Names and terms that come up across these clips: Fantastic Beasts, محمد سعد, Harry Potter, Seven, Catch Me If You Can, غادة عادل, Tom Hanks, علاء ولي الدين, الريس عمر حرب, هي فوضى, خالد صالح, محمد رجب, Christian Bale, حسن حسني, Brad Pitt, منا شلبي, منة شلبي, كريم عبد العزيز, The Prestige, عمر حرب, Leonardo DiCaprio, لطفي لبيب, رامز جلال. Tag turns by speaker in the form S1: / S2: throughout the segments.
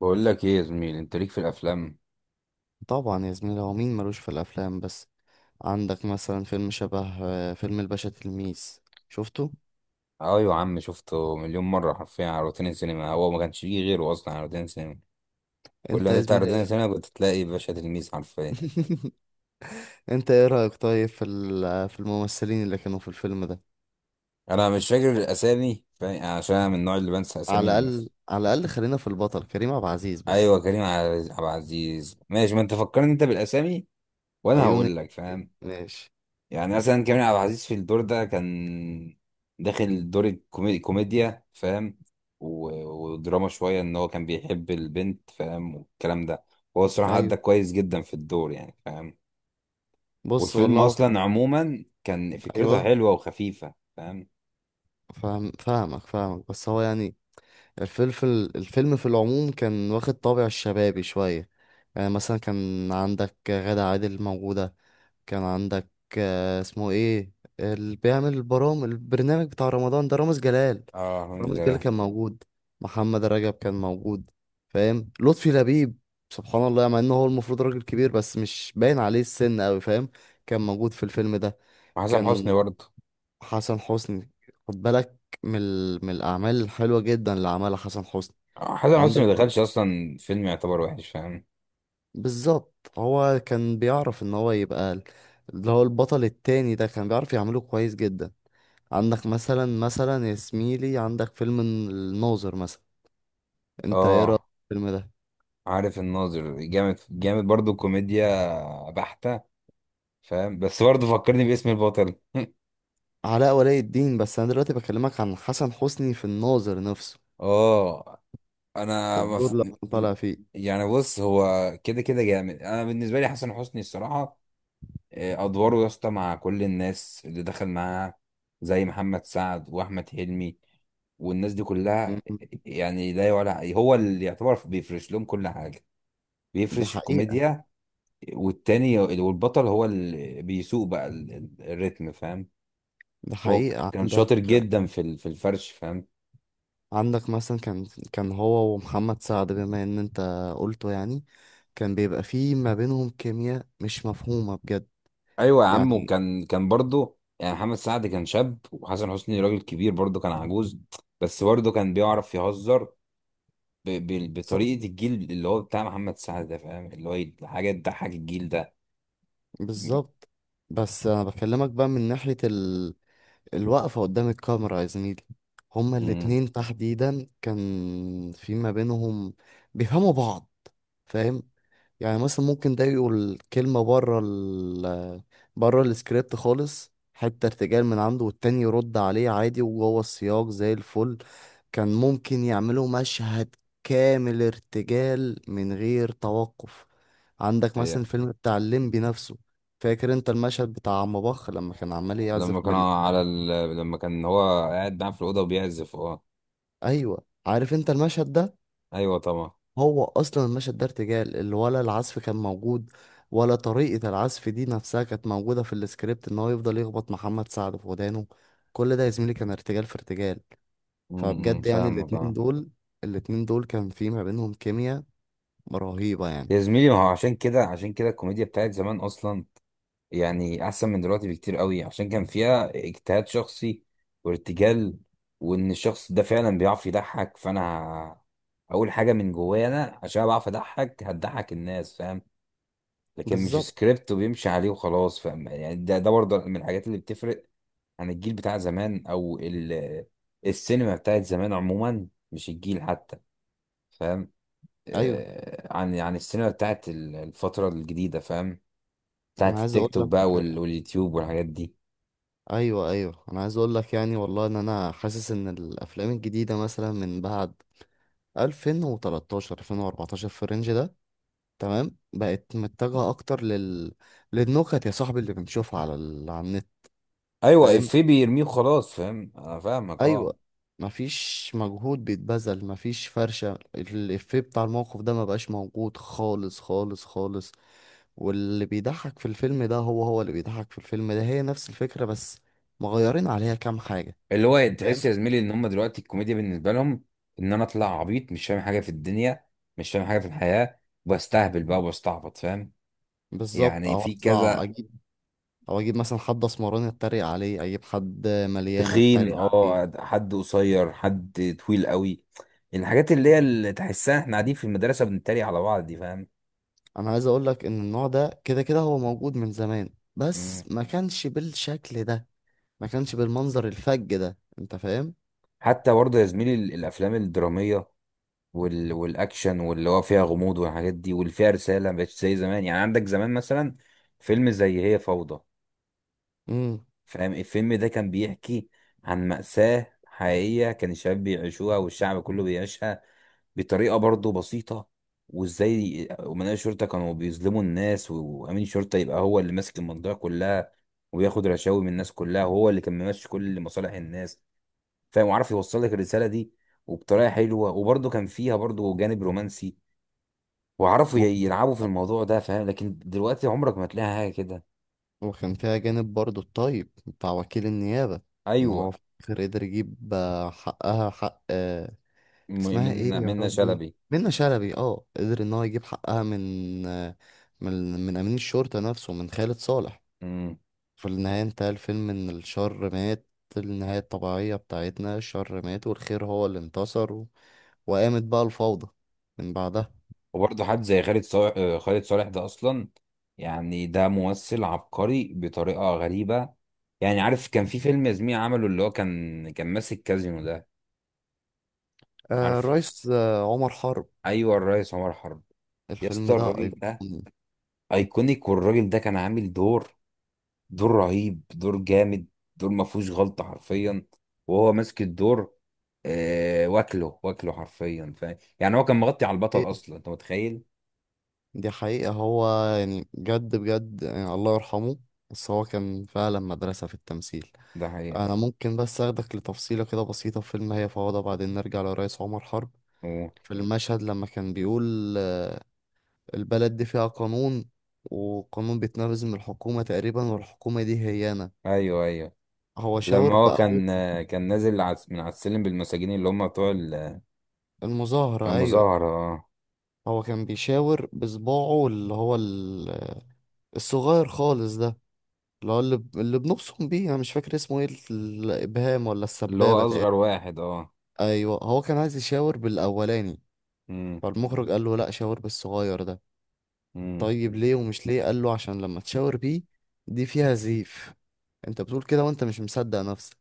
S1: بقول لك ايه يا زميل، انت ليك في الافلام.
S2: طبعا يا زميلي، هو مين ملوش في الافلام؟ بس عندك مثلا فيلم شبه فيلم الباشا تلميذ. شفته؟
S1: اه يا عم، شفته مليون مره حرفيا على روتين السينما، هو ما كانش فيه غيره اصلا على روتين السينما. كل
S2: انت
S1: ما
S2: يا
S1: تفتح
S2: زميلي.
S1: روتين السينما كنت تلاقي باشا تلميذ حرفيا.
S2: انت ايه رايك طيب في الممثلين اللي كانوا في الفيلم ده؟
S1: انا مش فاكر الاسامي، فاهم؟ عشان انا من النوع اللي بنسى
S2: على
S1: اسامي
S2: الاقل
S1: الممثل.
S2: على الاقل خلينا في البطل كريم عبد العزيز بس.
S1: ايوه، كريم عبد العزيز، ماشي، ما انت فكرني انت بالاسامي وانا
S2: عيوني.
S1: هقول لك، فاهم.
S2: ماشي.
S1: يعني مثلا كريم عبد العزيز في الدور ده كان داخل دور كوميديا، فاهم، ودراما شوية، ان هو كان بيحب البنت، فاهم، والكلام ده. هو الصراحة أدى
S2: ايوه.
S1: كويس جدا في الدور، يعني، فاهم.
S2: بص
S1: والفيلم
S2: والله واخد-
S1: أصلا عموما كان فكرته
S2: ايوه.
S1: حلوة وخفيفة، فاهم.
S2: فاهم. فاهمك بس هو يعني الفيلم الفيلم في العموم كان واخد طابع الشبابي شويه. يعني مثلا كان عندك غادة عادل موجودة. كان عندك اسمه ايه؟ اللي بيعمل البرنامج بتاع رمضان ده، رامز جلال.
S1: اه، الحمد
S2: رامز جلال
S1: لله.
S2: كان موجود. محمد رجب كان موجود. فاهم؟ لطفي لبيب، سبحان الله، مع انه هو المفروض راجل كبير بس مش باين عليه السن قوي، فاهم؟ كان موجود في الفيلم ده.
S1: وحسن
S2: كان
S1: حسني برضه.
S2: حسن حسني. خد بالك، من الاعمال الحلوه جدا اللي عملها حسن حسني.
S1: حسن
S2: عندك
S1: حسني ما دخلش
S2: برضه،
S1: أصلا فيلم يعتبر وحش، فاهم.
S2: بالظبط. هو كان بيعرف ان هو يبقى، اللي هو البطل التاني ده، كان بيعرف يعمله كويس جدا. عندك مثلا، مثلا يا زميلي، عندك فيلم الناظر مثلا. انت ايه رأيك
S1: اه،
S2: في الفيلم ده؟
S1: عارف الناظر جامد جامد برضه، كوميديا بحتة، فاهم، بس برضه فكرني باسم البطل
S2: علاء ولي الدين، بس انا دلوقتي بكلمك عن حسن حسني في الناظر نفسه،
S1: اه،
S2: في
S1: انا
S2: الدور اللي هو
S1: م-
S2: طالع فيه.
S1: يعني بص، هو كده كده جامد، انا بالنسبه لي حسن حسني الصراحه، ادواره يا اسطى مع كل الناس اللي دخل معاها زي محمد سعد واحمد حلمي والناس دي
S2: م-
S1: كلها.
S2: م.
S1: يعني لا يعلى، هو اللي يعتبر بيفرش لهم كل حاجه،
S2: ده
S1: بيفرش
S2: حقيقة.
S1: الكوميديا، والتاني والبطل هو اللي بيسوق بقى الريتم، فاهم.
S2: ده
S1: هو
S2: حقيقة.
S1: كان
S2: عندك،
S1: شاطر جدا في الفرش، فاهم.
S2: عندك مثلا كان، كان هو ومحمد سعد، بما ان انت قلته يعني، كان بيبقى فيه ما بينهم كيمياء مش مفهومة بجد
S1: ايوه يا عم،
S2: يعني.
S1: وكان برضه يعني محمد سعد كان شاب وحسن حسني راجل كبير، برضه كان عجوز، بس برضه كان بيعرف يهزر بطريقه
S2: بالظبط،
S1: الجيل اللي هو بتاع محمد سعد ده، فاهم، اللي هو حاجه تضحك الجيل ده.
S2: بالظبط. بس انا بكلمك بقى من ناحية الوقفة قدام الكاميرا يا زميلي، هما
S1: امم
S2: الاتنين تحديدا كان في ما بينهم بيفهموا بعض. فاهم؟ يعني مثلا ممكن ده يقول كلمة بره السكريبت خالص، حتة ارتجال من عنده، والتاني يرد عليه عادي وجوه السياق زي الفل. كان ممكن يعملوا مشهد كامل ارتجال من غير توقف. عندك
S1: هي،
S2: مثلا فيلم بتاع الليمبي نفسه. فاكر انت المشهد بتاع عم بخ لما كان عمال
S1: لما
S2: يعزف؟
S1: كان على ال... لما كان هو قاعد معاه في الاوضه وبيعزف، اه.
S2: ايوه، عارف انت المشهد ده.
S1: ايوه طبعا.
S2: هو اصلا المشهد ده ارتجال اللي، ولا العزف كان موجود، ولا طريقة العزف دي نفسها كانت موجودة في السكريبت، ان هو يفضل يخبط محمد سعد في ودانه. كل ده يا زميلي كان ارتجال في ارتجال. فبجد يعني،
S1: فاهمك، اه.
S2: الاتنين دول كان في ما بينهم كيمياء رهيبة يعني.
S1: يا زميلي، ما هو عشان كده عشان كده الكوميديا بتاعت زمان اصلا يعني احسن من دلوقتي بكتير قوي، عشان كان فيها اجتهاد شخصي وارتجال، وان الشخص ده فعلا بيعرف يضحك. فانا اول حاجه من جوايا، انا عشان بعرف اضحك هتضحك الناس، فاهم، لكن مش
S2: بالظبط.
S1: سكريبت وبيمشي عليه وخلاص، فاهم. يعني ده برضه من الحاجات اللي بتفرق عن الجيل بتاع زمان، او السينما بتاعت زمان عموما، مش الجيل حتى.
S2: ايوه
S1: عن السينما بتاعت الفتره الجديده، فاهم،
S2: انا
S1: بتاعت
S2: عايز اقول
S1: التيك توك
S2: لك،
S1: بقى واليوتيوب والحاجات دي.
S2: ايوه انا عايز اقول لك يعني والله، ان انا حاسس ان الافلام الجديدة مثلا من بعد 2013، 2014، في الرينج ده، تمام، بقت متجهة أكتر لل... للنكت يا صاحبي، اللي بنشوفها على ال... على النت.
S1: ايوه،
S2: فاهم.
S1: افيه بيرميه وخلاص، فاهم، انا فاهمك، اه.
S2: أيوة. مفيش مجهود بيتبذل، مفيش فرشة، الإفيه بتاع الموقف ده مبقاش موجود، خالص. واللي بيضحك في الفيلم ده هو اللي بيضحك في الفيلم ده، هي نفس الفكرة بس مغيرين عليها كام حاجة.
S1: اللي هو تحس
S2: فاهم.
S1: يا زميلي ان هم دلوقتي الكوميديا بالنسبه لهم ان انا اطلع عبيط مش فاهم حاجه في الدنيا، مش فاهم حاجه في الحياه، وبستهبل بقى وبستعبط، فاهم.
S2: بالظبط.
S1: يعني
S2: أو
S1: في
S2: أطلع
S1: كذا،
S2: أجيب، أو أجيب مثلا حد أسمراني أتريق عليه، أجيب حد مليان
S1: تخين،
S2: أتريق عليه.
S1: اه، حد قصير، حد طويل قوي، الحاجات اللي هي اللي تحسها احنا قاعدين في المدرسه بنتريق على بعض دي، فاهم.
S2: انا عايز اقول لك ان النوع ده كده كده هو موجود من زمان،
S1: مم.
S2: بس ما كانش بالشكل ده، ما كانش بالمنظر الفج ده، انت فاهم.
S1: حتى برضه يا زميلي الافلام الدراميه والاكشن واللي هو فيها غموض والحاجات دي واللي فيها رساله، مبقتش زي زمان. يعني عندك زمان مثلا فيلم زي هي فوضى،
S2: امم
S1: فاهم، الفيلم ده كان بيحكي عن مأساة حقيقية كان الشباب بيعيشوها والشعب كله بيعيشها، بطريقة برضه بسيطة، وازاي أمناء الشرطة كانوا بيظلموا الناس وأمين الشرطة يبقى هو اللي ماسك المنطقة كلها وياخد رشاوي من الناس كلها، وهو اللي كان ماشي كل مصالح الناس، فاهم، وعارف يوصل لك الرسالة دي، وبطريقة حلوة، وبرضه كان فيها برضه جانب رومانسي، وعرفوا يلعبوا في الموضوع ده، فاهم. لكن دلوقتي عمرك ما تلاقي حاجه كده.
S2: وكان فيها جانب برضو الطيب بتاع وكيل النيابة، ان هو
S1: ايوه،
S2: في الآخر قدر يجيب حقها، حق آه،
S1: م-
S2: اسمها ايه
S1: منا
S2: يا
S1: منا
S2: ربي؟
S1: شلبي.
S2: منة شلبي. اه، قدر ان هو يجيب حقها من، من من امين الشرطة نفسه، من خالد صالح.
S1: امم
S2: في النهاية انتهى الفيلم إن الشر مات، النهاية الطبيعية بتاعتنا، الشر مات والخير هو اللي انتصر، و... وقامت بقى الفوضى من بعدها.
S1: وبرضه حد زي خالد صالح. خالد صالح ده اصلا يعني ده ممثل عبقري بطريقه غريبه. يعني عارف كان في فيلم يا زميلي عمله، اللي هو كان ماسك كازينو ده؟
S2: آه،
S1: عارف.
S2: الرئيس، آه، عمر حرب.
S1: ايوه، الريس عمر حرب، يا
S2: الفيلم
S1: اسطى،
S2: ده
S1: الراجل ده
S2: أيقوني.
S1: ايكونيك، والراجل ده كان عامل دور، دور رهيب، دور جامد، دور ما فيهوش غلطة حرفيا، وهو ماسك الدور. واكله، واكله حرفيا، فاهم، يعني هو كان مغطي على
S2: إيه،
S1: البطل اصلا، انت متخيل؟
S2: دي حقيقة. هو يعني جد بجد يعني، الله يرحمه، بس هو كان فعلا مدرسة في التمثيل.
S1: ده حقيقة.
S2: أنا ممكن بس أخدك لتفصيلة كده بسيطة في فيلم هي فوضى، بعدين نرجع لرئيس عمر حرب.
S1: و-
S2: في المشهد لما كان بيقول: البلد دي فيها قانون، وقانون بيتنفذ من الحكومة تقريبا، والحكومة دي هي أنا.
S1: ايوه ايوه.
S2: هو شاور
S1: لما هو
S2: بأول
S1: كان، كان نازل من على السلم بالمساجين اللي هم بتوع
S2: المظاهرة، أيوة.
S1: المظاهرة، اه.
S2: هو كان بيشاور بصباعه، الصغير خالص ده، اللي هو اللي, ب- اللي بنبصم بيه. أنا مش فاكر اسمه إيه، الإبهام ولا
S1: اللي
S2: السبابة
S1: هو
S2: تقريبا.
S1: اصغر واحد، اه.
S2: أيوة، هو كان عايز يشاور بالأولاني،
S1: مم،
S2: فالمخرج قال له لأ، شاور بالصغير ده.
S1: مم،
S2: طيب ليه؟ ومش ليه؟ قال له عشان لما تشاور بيه، دي فيها زيف، انت بتقول كده وانت مش مصدق نفسك.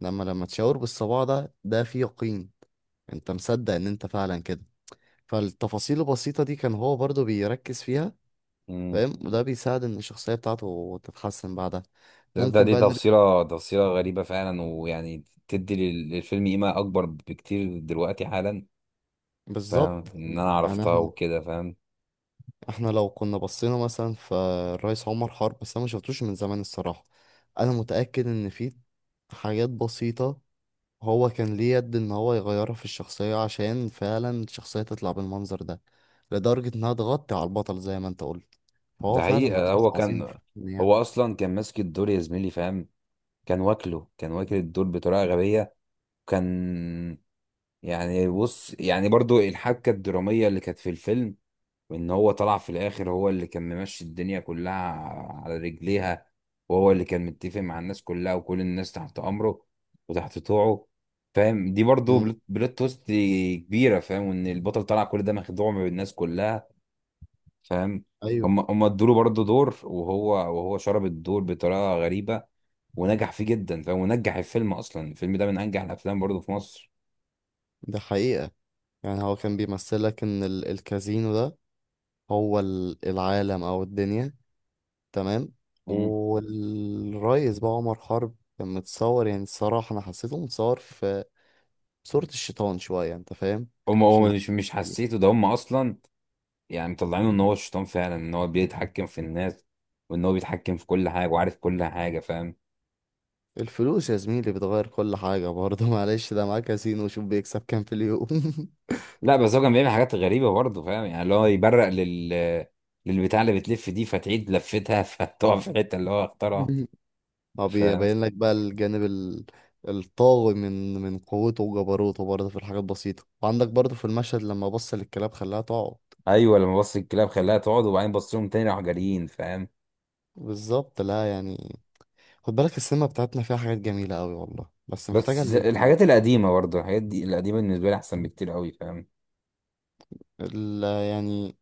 S2: لما تشاور بالصباع ده، ده فيه يقين، انت مصدق ان انت فعلا كده. فالتفاصيل البسيطة دي كان هو برضو بيركز فيها.
S1: مم.
S2: فاهم؟ وده بيساعد ان الشخصية بتاعته تتحسن بعدها.
S1: ده
S2: ممكن
S1: دي
S2: بقى نر...
S1: تفصيلة غريبة فعلا، ويعني تدي للفيلم قيمة أكبر بكتير دلوقتي حالا، فاهم،
S2: بالظبط.
S1: ان انا
S2: يعني
S1: عرفتها
S2: احنا،
S1: وكده، فاهم.
S2: احنا لو كنا بصينا مثلا في الرئيس عمر حرب، بس انا ما شفتوش من زمان الصراحة. انا متأكد ان في حاجات بسيطة هو كان ليه يد ان هو يغيرها في الشخصية، عشان فعلا الشخصية تطلع بالمنظر ده، لدرجة انها تغطي على البطل زي ما انت قلت. هو
S1: ده
S2: فعلا
S1: حقيقة،
S2: مدرسة
S1: هو
S2: عظيمة في
S1: كان،
S2: الفن يعني.
S1: هو اصلا كان ماسك الدور يا زميلي، فاهم، كان واكل الدور بطريقة غبية. كان يعني بص، يعني برضو الحبكة الدرامية اللي كانت في الفيلم، وان هو طلع في الاخر هو اللي كان ممشي الدنيا كلها على رجليها، وهو اللي كان متفق مع الناس كلها وكل الناس تحت امره وتحت طوعه، فاهم. دي برضو
S2: مم.
S1: بلوت توست كبيرة، فاهم، وان البطل طلع كل ده مخدوع من الناس كلها، فاهم.
S2: أيوه.
S1: هم ادوا له برضه دور، وهو شرب الدور بطريقه غريبه، ونجح فيه جدا، فاهم، ونجح الفيلم اصلا، الفيلم ده من انجح الافلام برضه في مصر.
S2: ده حقيقة. يعني هو كان بيمثلك إن الكازينو ده هو العالم أو الدنيا، تمام.
S1: مم.
S2: والريس بقى عمر حرب كان متصور، يعني الصراحة أنا حسيته متصور في صورة الشيطان شوية، أنت فاهم؟
S1: هم
S2: عشان
S1: هم
S2: هو.
S1: مش حسيته، ده هم اصلا يعني مطلعينه ان هو الشيطان فعلا، ان هو بيتحكم في الناس وان هو بيتحكم في كل حاجه وعارف كل حاجه، فاهم.
S2: الفلوس يا زميلي بتغير كل حاجة برضه. معلش، ده معاه كازينو وشوف بيكسب كام في اليوم.
S1: لا بس هو كان بيعمل حاجات غريبه برضه، فاهم، يعني اللي هو يبرق للبتاع اللي بتلف دي فتعيد لفتها فتقع في الحته اللي هو اختارها،
S2: هو
S1: فاهم.
S2: بيبين لك بقى الطاغي من قوته وجبروته برضه في الحاجات البسيطة. وعندك برضه في المشهد لما بص للكلاب خلاها تقعد.
S1: ايوه، لما بص الكلاب خلاها تقعد، وبعدين بص لهم تاني راحوا جاريين، فاهم.
S2: بالظبط. لا يعني، خد بالك السينما بتاعتنا فيها حاجات جميلة أوي والله، بس محتاجة
S1: بس
S2: اللي,
S1: الحاجات القديمه، برضه الحاجات دي القديمه بالنسبه لي احسن بكتير قوي، فاهم.
S2: اللي يعني.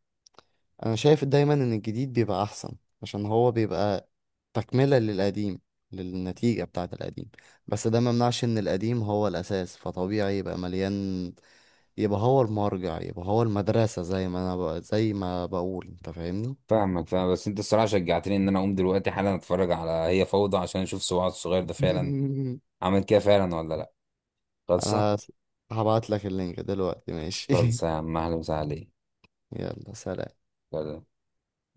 S2: أنا شايف دايما إن الجديد بيبقى أحسن، عشان هو بيبقى تكملة للقديم، للنتيجة بتاعة القديم. بس ده ممنعش إن القديم هو الأساس، فطبيعي يبقى مليان، يبقى هو المرجع، يبقى هو المدرسة، زي ما انا ب... زي ما بقول، انت فاهمني.
S1: فاهمك، فاهم، بس انت الصراحه شجعتني ان انا اقوم دلوقتي حالا اتفرج على هي فوضى عشان اشوف سواد الصغير ده فعلا عمل كده فعلا ولا لا. خلصه،
S2: انا هبعت لك اللينك دلوقتي، ماشي؟
S1: خلصه يا عم، اهلا وسهلا عليك.
S2: يلا سلام.